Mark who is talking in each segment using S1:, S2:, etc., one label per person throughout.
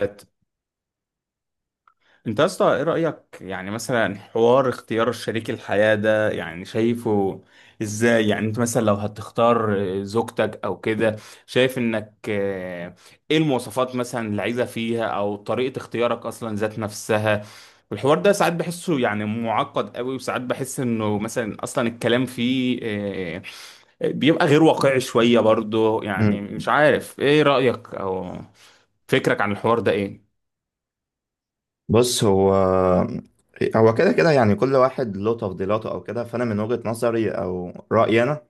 S1: انت يا اسطى ايه رأيك يعني مثلا حوار اختيار شريك الحياة ده؟ يعني شايفه ازاي؟ يعني انت مثلا لو هتختار زوجتك او كده، شايف انك ايه المواصفات مثلا اللي عايزة فيها؟ او طريقة اختيارك اصلا ذات نفسها؟ الحوار ده ساعات بحسه يعني معقد قوي، وساعات بحس انه مثلا اصلا الكلام فيه بيبقى غير واقعي شوية برضه.
S2: مم.
S1: يعني مش عارف ايه رأيك او فكرك عن الحوار ده؟ ايه؟
S2: بص هو كده كده، يعني كل واحد له تفضيلاته او كده، فانا من وجهة نظري او رأيي انا.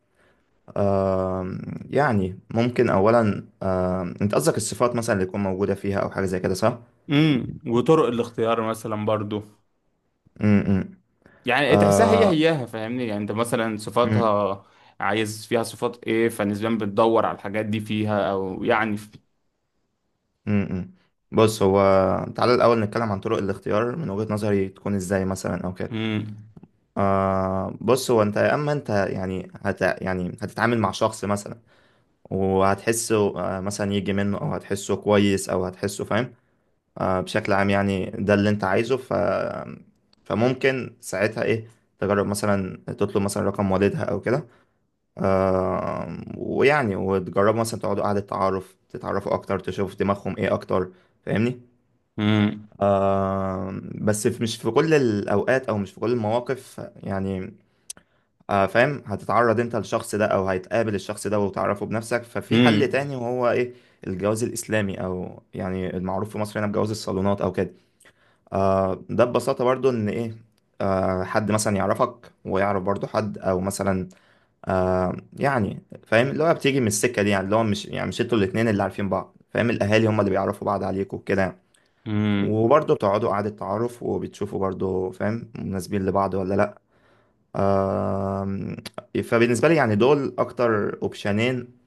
S2: آم، يعني ممكن اولا. انت قصدك الصفات مثلا اللي تكون موجودة فيها او حاجة زي كده، صح؟
S1: وطرق الاختيار مثلا برضو،
S2: مم،
S1: يعني تحسها هي هياها فاهمني. يعني انت مثلا
S2: مم،
S1: صفاتها عايز فيها صفات ايه؟ فنسبيا بتدور على الحاجات دي فيها او يعني...
S2: مم، مم. بص هو تعالى الاول نتكلم عن طرق الاختيار من وجهة نظري تكون ازاي مثلا او كده.
S1: امم،
S2: بص هو انت يا اما انت، يعني هت يعني هتتعامل مع شخص مثلا وهتحسه. مثلا يجي منه او هتحسه كويس او هتحسه فاهم. بشكل عام يعني ده اللي انت عايزه فممكن ساعتها ايه تجرب مثلا تطلب مثلا رقم والدها او كده. ويعني وتجربوا مثلا تقعدوا قعدة تعارف تتعرفوا اكتر، تشوفوا دماغهم ايه اكتر، فاهمني؟ بس مش في كل الاوقات او مش في كل المواقف يعني. فاهم، هتتعرض انت للشخص ده او هتقابل الشخص ده وتعرفه بنفسك، ففي حل
S1: امم،
S2: تاني وهو ايه؟ الجواز الاسلامي او يعني المعروف في مصر هنا بجواز الصالونات او كده. ده ببساطة برضو إن إيه، حد مثلا يعرفك ويعرف برضو حد أو مثلا، يعني فاهم اللي هو بتيجي من السكة دي، يعني اللي هو مش يعني مش انتوا الاتنين اللي عارفين بعض، فاهم، الأهالي هم اللي بيعرفوا بعض عليكوا وكده يعني.
S1: امم.
S2: وبرضو بتقعدوا قعدة تعارف وبتشوفوا برضو فاهم، مناسبين لبعض ولا لأ. آه فبالنسبة لي يعني دول أكتر أوبشنين،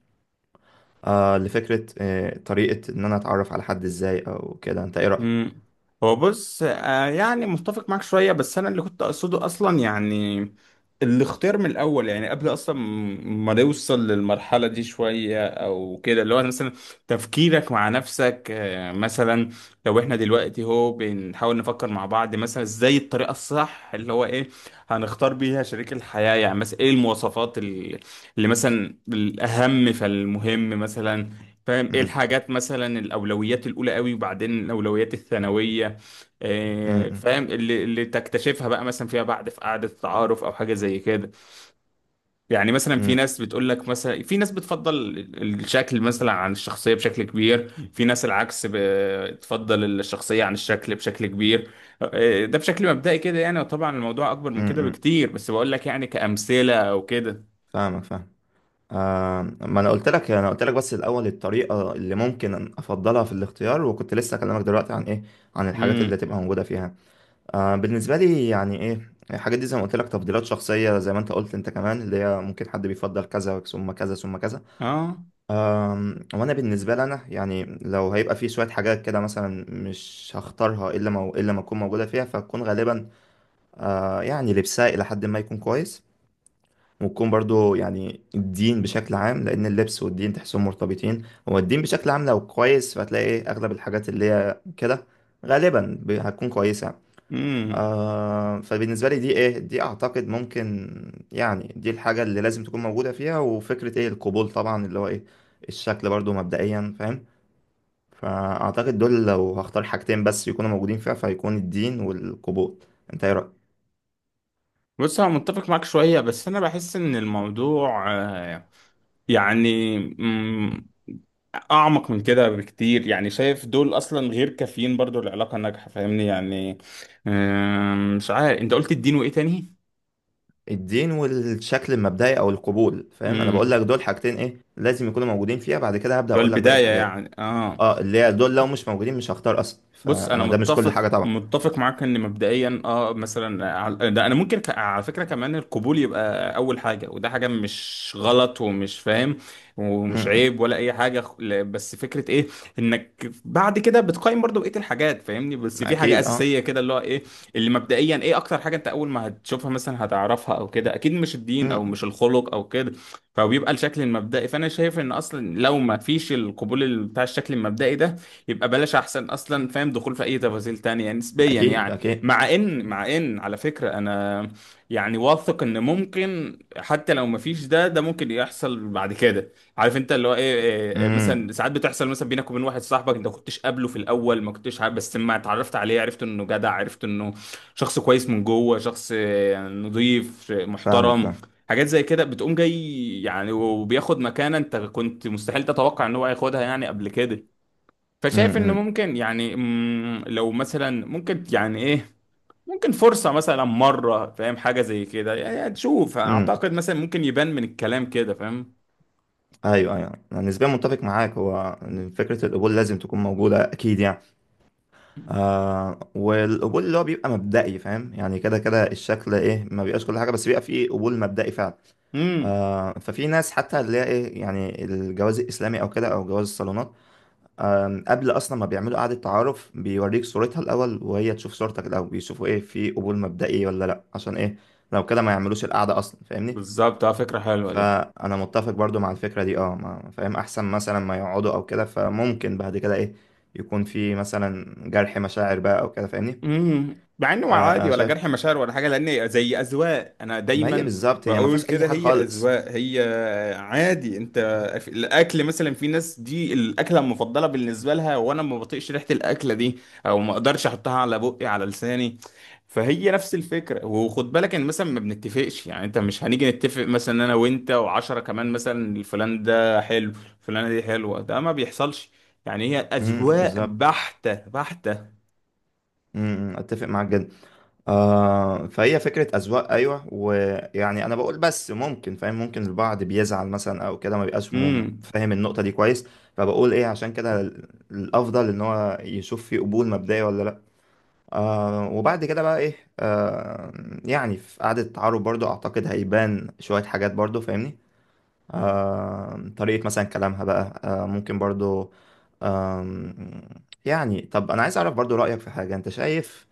S2: لفكرة طريقة إن أنا أتعرف على حد إزاي أو كده، أنت إيه رأيك؟
S1: مم. هو بص، يعني متفق معاك شوية، بس أنا اللي كنت أقصده أصلا يعني الاختيار من الأول، يعني قبل أصلا ما نوصل للمرحلة دي شوية أو كده، اللي هو مثلا تفكيرك مع نفسك مثلا. لو إحنا دلوقتي هو بنحاول نفكر مع بعض مثلا إزاي الطريقة الصح اللي هو إيه هنختار بيها شريك الحياة؟ يعني مثلا إيه المواصفات اللي مثلا الأهم فالمهم مثلا؟ فاهم، ايه
S2: م-
S1: الحاجات مثلا؟ الاولويات الاولى قوي وبعدين الاولويات الثانويه.
S2: م-
S1: فاهم اللي تكتشفها بقى مثلا فيما بعد في قعده التعارف او حاجه زي كده. يعني مثلا
S2: م-
S1: في
S2: م-
S1: ناس بتقول لك مثلا، في ناس بتفضل الشكل مثلا عن الشخصيه بشكل كبير، في ناس العكس بتفضل الشخصيه عن الشكل بشكل كبير. ده بشكل مبدئي كده يعني، وطبعا الموضوع اكبر
S2: م-
S1: من كده
S2: م.
S1: بكتير، بس بقول لك يعني كامثله او كده.
S2: فاهمك فاهم. ما انا قلت لك بس الاول الطريقه اللي ممكن افضلها في الاختيار، وكنت لسه اكلمك دلوقتي عن ايه؟ عن الحاجات اللي
S1: امم،
S2: هتبقى موجوده فيها. بالنسبه لي يعني ايه الحاجات دي، زي ما قلت لك تفضيلات شخصيه، زي ما انت قلت انت كمان، اللي هي ممكن حد بيفضل كذا ثم كذا ثم كذا.
S1: اه.
S2: آه وانا بالنسبه لي انا، يعني لو هيبقى في شويه حاجات كده مثلا مش هختارها الا ما اكون موجوده فيها، فتكون غالبا يعني لبسها الى حد ما يكون كويس، وتكون برضو يعني الدين بشكل عام، لأن اللبس والدين تحسهم مرتبطين. هو الدين بشكل عام لو كويس فهتلاقي أغلب الحاجات اللي هي كده غالبا هتكون كويسة. فبالنسبة لي دي إيه، دي أعتقد ممكن يعني دي الحاجة اللي لازم تكون موجودة فيها، وفكرة إيه القبول طبعا اللي هو إيه الشكل برضو مبدئيا، فاهم. فأعتقد دول لو هختار حاجتين بس يكونوا موجودين فيها فهيكون الدين والقبول. أنت إيه رأيك؟
S1: بص انا متفق معاك شويه، بس انا بحس ان الموضوع يعني اعمق من كده بكتير. يعني شايف دول اصلا غير كافيين برضو العلاقه ناجحه، فاهمني يعني. مش عارف، انت قلت الدين وايه تاني؟
S2: الدين والشكل المبدئي او القبول، فاهم. انا بقول
S1: امم
S2: لك دول حاجتين ايه لازم يكونوا موجودين فيها، بعد كده هبدأ
S1: اللي هو
S2: اقول لك باقي
S1: البدايه
S2: الحاجات.
S1: يعني اه.
S2: اه اللي هي دول لو مش موجودين مش هختار اصلا،
S1: بص انا
S2: فانا ده مش كل
S1: متفق
S2: حاجة طبعا.
S1: متفق معاك ان مبدئيا مثلا، ده انا ممكن على فكره كمان القبول يبقى اول حاجه، وده حاجه مش غلط ومش فاهم ومش
S2: امم.
S1: عيب ولا اي حاجه بس فكره ايه انك بعد كده بتقيم برضو بقيه الحاجات فاهمني. بس في حاجه
S2: اكيد اه.
S1: اساسيه كده اللي هو ايه، اللي مبدئيا ايه اكتر حاجه انت اول ما هتشوفها مثلا هتعرفها او كده؟ اكيد مش الدين او
S2: امم.
S1: مش الخلق او كده، فبيبقى الشكل المبدئي. فانا شايف ان اصلا لو ما فيش القبول بتاع الشكل المبدئي ده يبقى بلاش احسن اصلا، فاهم، دخول في اي تفاصيل تانية نسبيا
S2: اكيد
S1: يعني.
S2: اكيد.
S1: مع ان على فكرة انا يعني واثق ان ممكن حتى لو مفيش ده، ده ممكن يحصل بعد كده. عارف انت اللي هو ايه، إيه،
S2: امم.
S1: مثلا ساعات بتحصل مثلا بينك وبين واحد صاحبك انت ما كنتش قابله في الاول، ما كنتش عارف، بس لما اتعرفت عليه عرفت انه جدع، عرفت انه شخص كويس من جوه، شخص نضيف،
S2: فاهمك
S1: محترم.
S2: فاهم.
S1: حاجات زي كده بتقوم جاي يعني، وبياخد مكانة انت كنت مستحيل تتوقع ان هو هياخدها يعني قبل كده. فشايف ان
S2: امم.
S1: ممكن يعني، لو مثلا ممكن يعني ايه، ممكن فرصة مثلا مرة فاهم حاجة زي كده يعني تشوف.
S2: امم.
S1: اعتقد مثلا ممكن يبان من الكلام كده، فاهم.
S2: ايوه ايوه، انا نسبيا متفق معاك، هو إن فكرة القبول لازم تكون موجودة اكيد يعني. والقبول اللي هو بيبقى مبدئي، فاهم، يعني كده كده الشكل ايه، ما بيبقاش كل حاجة، بس بيبقى فيه قبول مبدئي فعلا.
S1: امم،
S2: ففي ناس حتى اللي هي ايه، يعني الجواز الاسلامي او كده او جواز الصالونات، قبل اصلا ما بيعملوا قعده تعارف، بيوريك صورتها الاول وهي تشوف صورتك الاول، بيشوفوا ايه في قبول مبدئي ولا لا، عشان ايه؟ لو كده ما يعملوش القعده اصلا، فاهمني.
S1: بالظبط، اه، فكرة حلوة دي.
S2: فانا متفق برضو مع الفكره دي. فاهم احسن مثلا ما يقعدوا او كده، فممكن بعد كده ايه يكون في مثلا جرح مشاعر بقى او كده، فاهمني.
S1: امم، مع انه عادي
S2: فانا
S1: ولا
S2: شايف
S1: جرح مشاعر ولا حاجه، لان زي اذواق. انا
S2: ما هي
S1: دايما
S2: بالظبط، هي ما
S1: بقول
S2: فيهاش اي
S1: كده،
S2: حاجه
S1: هي
S2: خالص.
S1: اذواق هي. عادي انت في الاكل مثلا، في ناس دي الاكله المفضله بالنسبه لها وانا ما بطيقش ريحه الاكله دي او ما اقدرش احطها على بقي على لساني. فهي نفس الفكره، وخد بالك ان مثلا ما بنتفقش، يعني انت مش هنيجي نتفق مثلا انا وانت وعشرة كمان مثلا فلان ده حلو، فلانه دي حلوه، ده ما بيحصلش، يعني هي
S2: امم،
S1: اذواق
S2: بالظبط.
S1: بحته بحته.
S2: امم. أمم، اتفق معاك جدا. فهي فكرة أذواق، أيوة، ويعني أنا بقول بس ممكن فاهم ممكن البعض بيزعل مثلا أو كده، ما بيبقاش
S1: امم.
S2: فاهم النقطة دي كويس. فبقول إيه عشان كده الأفضل إن هو يشوف فيه قبول مبدئي ولا لأ. وبعد كده بقى إيه؟ يعني في قعدة التعارف برضو أعتقد هيبان شوية حاجات برضو، فاهمني. طريقة مثلا كلامها بقى، ممكن برضو. آم، يعني طب انا عايز اعرف برضو رأيك في حاجة، انت شايف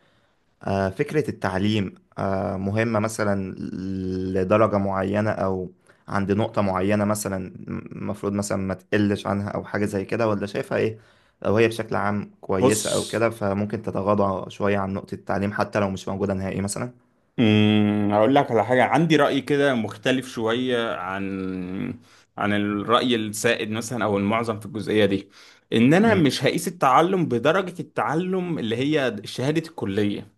S2: فكرة التعليم مهمة مثلا لدرجة معينة، أو عند نقطة معينة مثلا المفروض مثلا ما تقلش عنها أو حاجة زي كده، ولا شايفها إيه؟ لو هي بشكل عام
S1: بص،
S2: كويسة أو كده فممكن تتغاضى شوية عن نقطة التعليم حتى لو مش موجودة نهائي مثلا.
S1: هقول لك على حاجة عندي رأي كده مختلف شوية عن الرأي السائد مثلا أو المعظم في الجزئية دي، إن أنا
S2: مم.
S1: مش هقيس التعلم بدرجة التعلم اللي هي شهادة الكلية.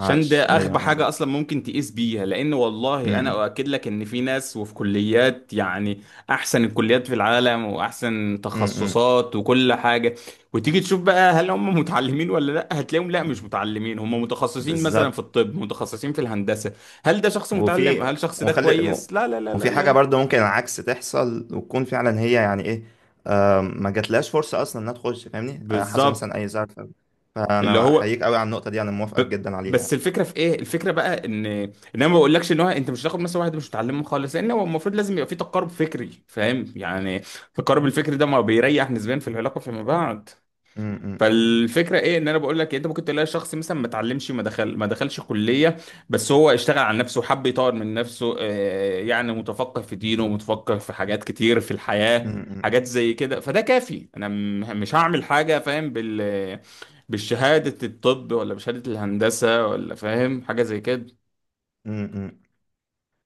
S1: عشان ده
S2: أيوة
S1: اغبى
S2: أنا.
S1: حاجه اصلا ممكن تقيس بيها، لان والله انا
S2: مم.
S1: اؤكد لك ان في ناس وفي كليات يعني احسن الكليات في العالم واحسن
S2: مم. مم.
S1: تخصصات وكل حاجه، وتيجي تشوف بقى هل هم متعلمين ولا لا، هتلاقيهم لا مش متعلمين، هم متخصصين مثلا
S2: بالظبط.
S1: في الطب، متخصصين في الهندسه. هل ده شخص متعلم؟
S2: وفي
S1: هل الشخص ده
S2: وخلي
S1: كويس؟ لا لا لا لا
S2: وفي حاجة
S1: لا.
S2: برضه ممكن العكس تحصل، وتكون فعلا هي يعني إيه، ما جاتلهاش فرصه اصلا انها تخش، فاهمني. حصل
S1: بالظبط.
S2: مثلا اي زعل
S1: اللي
S2: فانا
S1: هو
S2: احييك قوي على النقطه دي، انا
S1: ب...
S2: موافقك جدا عليها يعني.
S1: بس الفكره في ايه؟ الفكره بقى ان انا ما بقولكش ان هو انت مش هتاخد مثلا واحد مش متعلمه خالص، لان هو المفروض لازم يبقى في تقارب فكري فاهم يعني، التقارب الفكري ده ما بيريح نسبيا في العلاقه فيما بعد.
S2: م- م-
S1: فالفكره ايه، ان انا بقول لك إيه؟ انت ممكن تلاقي شخص مثلا ما اتعلمش، ما دخلش كليه، بس هو اشتغل على نفسه وحب يطور من نفسه، يعني متفقه في دينه، متفقه في حاجات كتير في الحياه،
S2: م-
S1: حاجات زي كده، فده كافي. انا مش هعمل حاجه فاهم بالشهاده الطب ولا بشهاده الهندسه ولا فاهم حاجه زي كده.
S2: م- م- م.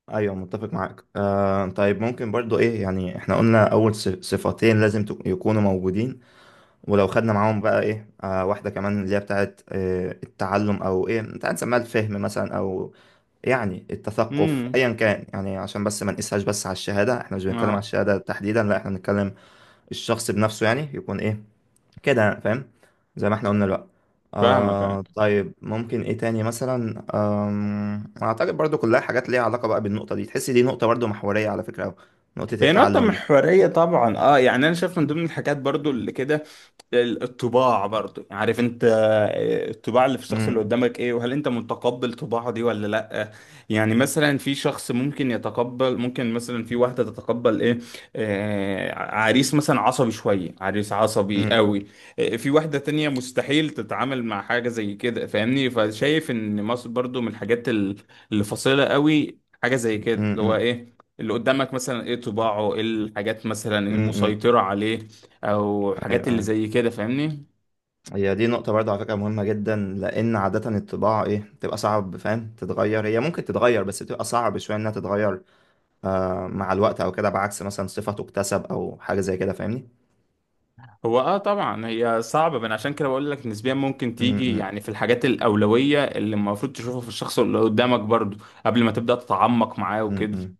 S2: ايوه متفق معاك. طيب ممكن برضو ايه، يعني احنا قلنا اول صفتين لازم يكونوا موجودين، ولو خدنا معاهم بقى ايه واحده كمان اللي هي بتاعت التعلم، او ايه انت هنسميها الفهم مثلا، او يعني التثقف
S1: امم،
S2: ايا كان، يعني عشان بس ما نقيسهاش بس على الشهاده، احنا مش بنتكلم على
S1: اه،
S2: الشهاده تحديدا، لا احنا بنتكلم الشخص بنفسه، يعني يكون ايه كده يعني، فاهم. زي ما احنا قلنا بقى.
S1: فاهمك آه.
S2: طيب ممكن ايه تاني مثلا؟ اعتقد برضو كلها حاجات ليها علاقة بقى بالنقطة دي، تحس دي نقطة برضو محورية على فكرة أوي. نقطة
S1: هي نقطة
S2: التعلم دي.
S1: محورية طبعا اه، يعني انا شايف من ضمن الحاجات برضو اللي كده الطباع برضو. يعني عارف انت، الطباع اللي في الشخص اللي
S2: امم.
S1: قدامك ايه، وهل انت متقبل طباعه دي ولا لا. يعني مثلا في شخص ممكن يتقبل، ممكن مثلا في واحدة تتقبل ايه، عريس مثلا عصبي شوية، عريس عصبي
S2: امم.
S1: قوي. في واحدة تانية مستحيل تتعامل مع حاجة زي كده فاهمني. فشايف ان مصر برضو من الحاجات اللي فاصلة قوي، حاجة زي كده، اللي هو
S2: امم.
S1: ايه اللي قدامك مثلا، ايه طباعه، ايه الحاجات مثلا
S2: امم.
S1: المسيطرة عليه او
S2: ايوه
S1: حاجات اللي
S2: أيوة.
S1: زي كده فاهمني.
S2: هي دي نقطة برضو على فكرة مهمة جدا، لان عادة الطباع ايه بتبقى صعب فاهم تتغير، هي ممكن تتغير بس بتبقى صعب شوية انها تتغير مع الوقت او كده، بعكس مثلا صفة تكتسب او حاجة زي كده، فاهمني.
S1: هو اه طبعا هي صعبة من عشان كده بقول لك نسبيا ممكن
S2: امم.
S1: تيجي يعني في الحاجات الأولوية اللي المفروض تشوفها في الشخص اللي قدامك برضو قبل ما تبدأ تتعمق معاه وكده.
S2: امم.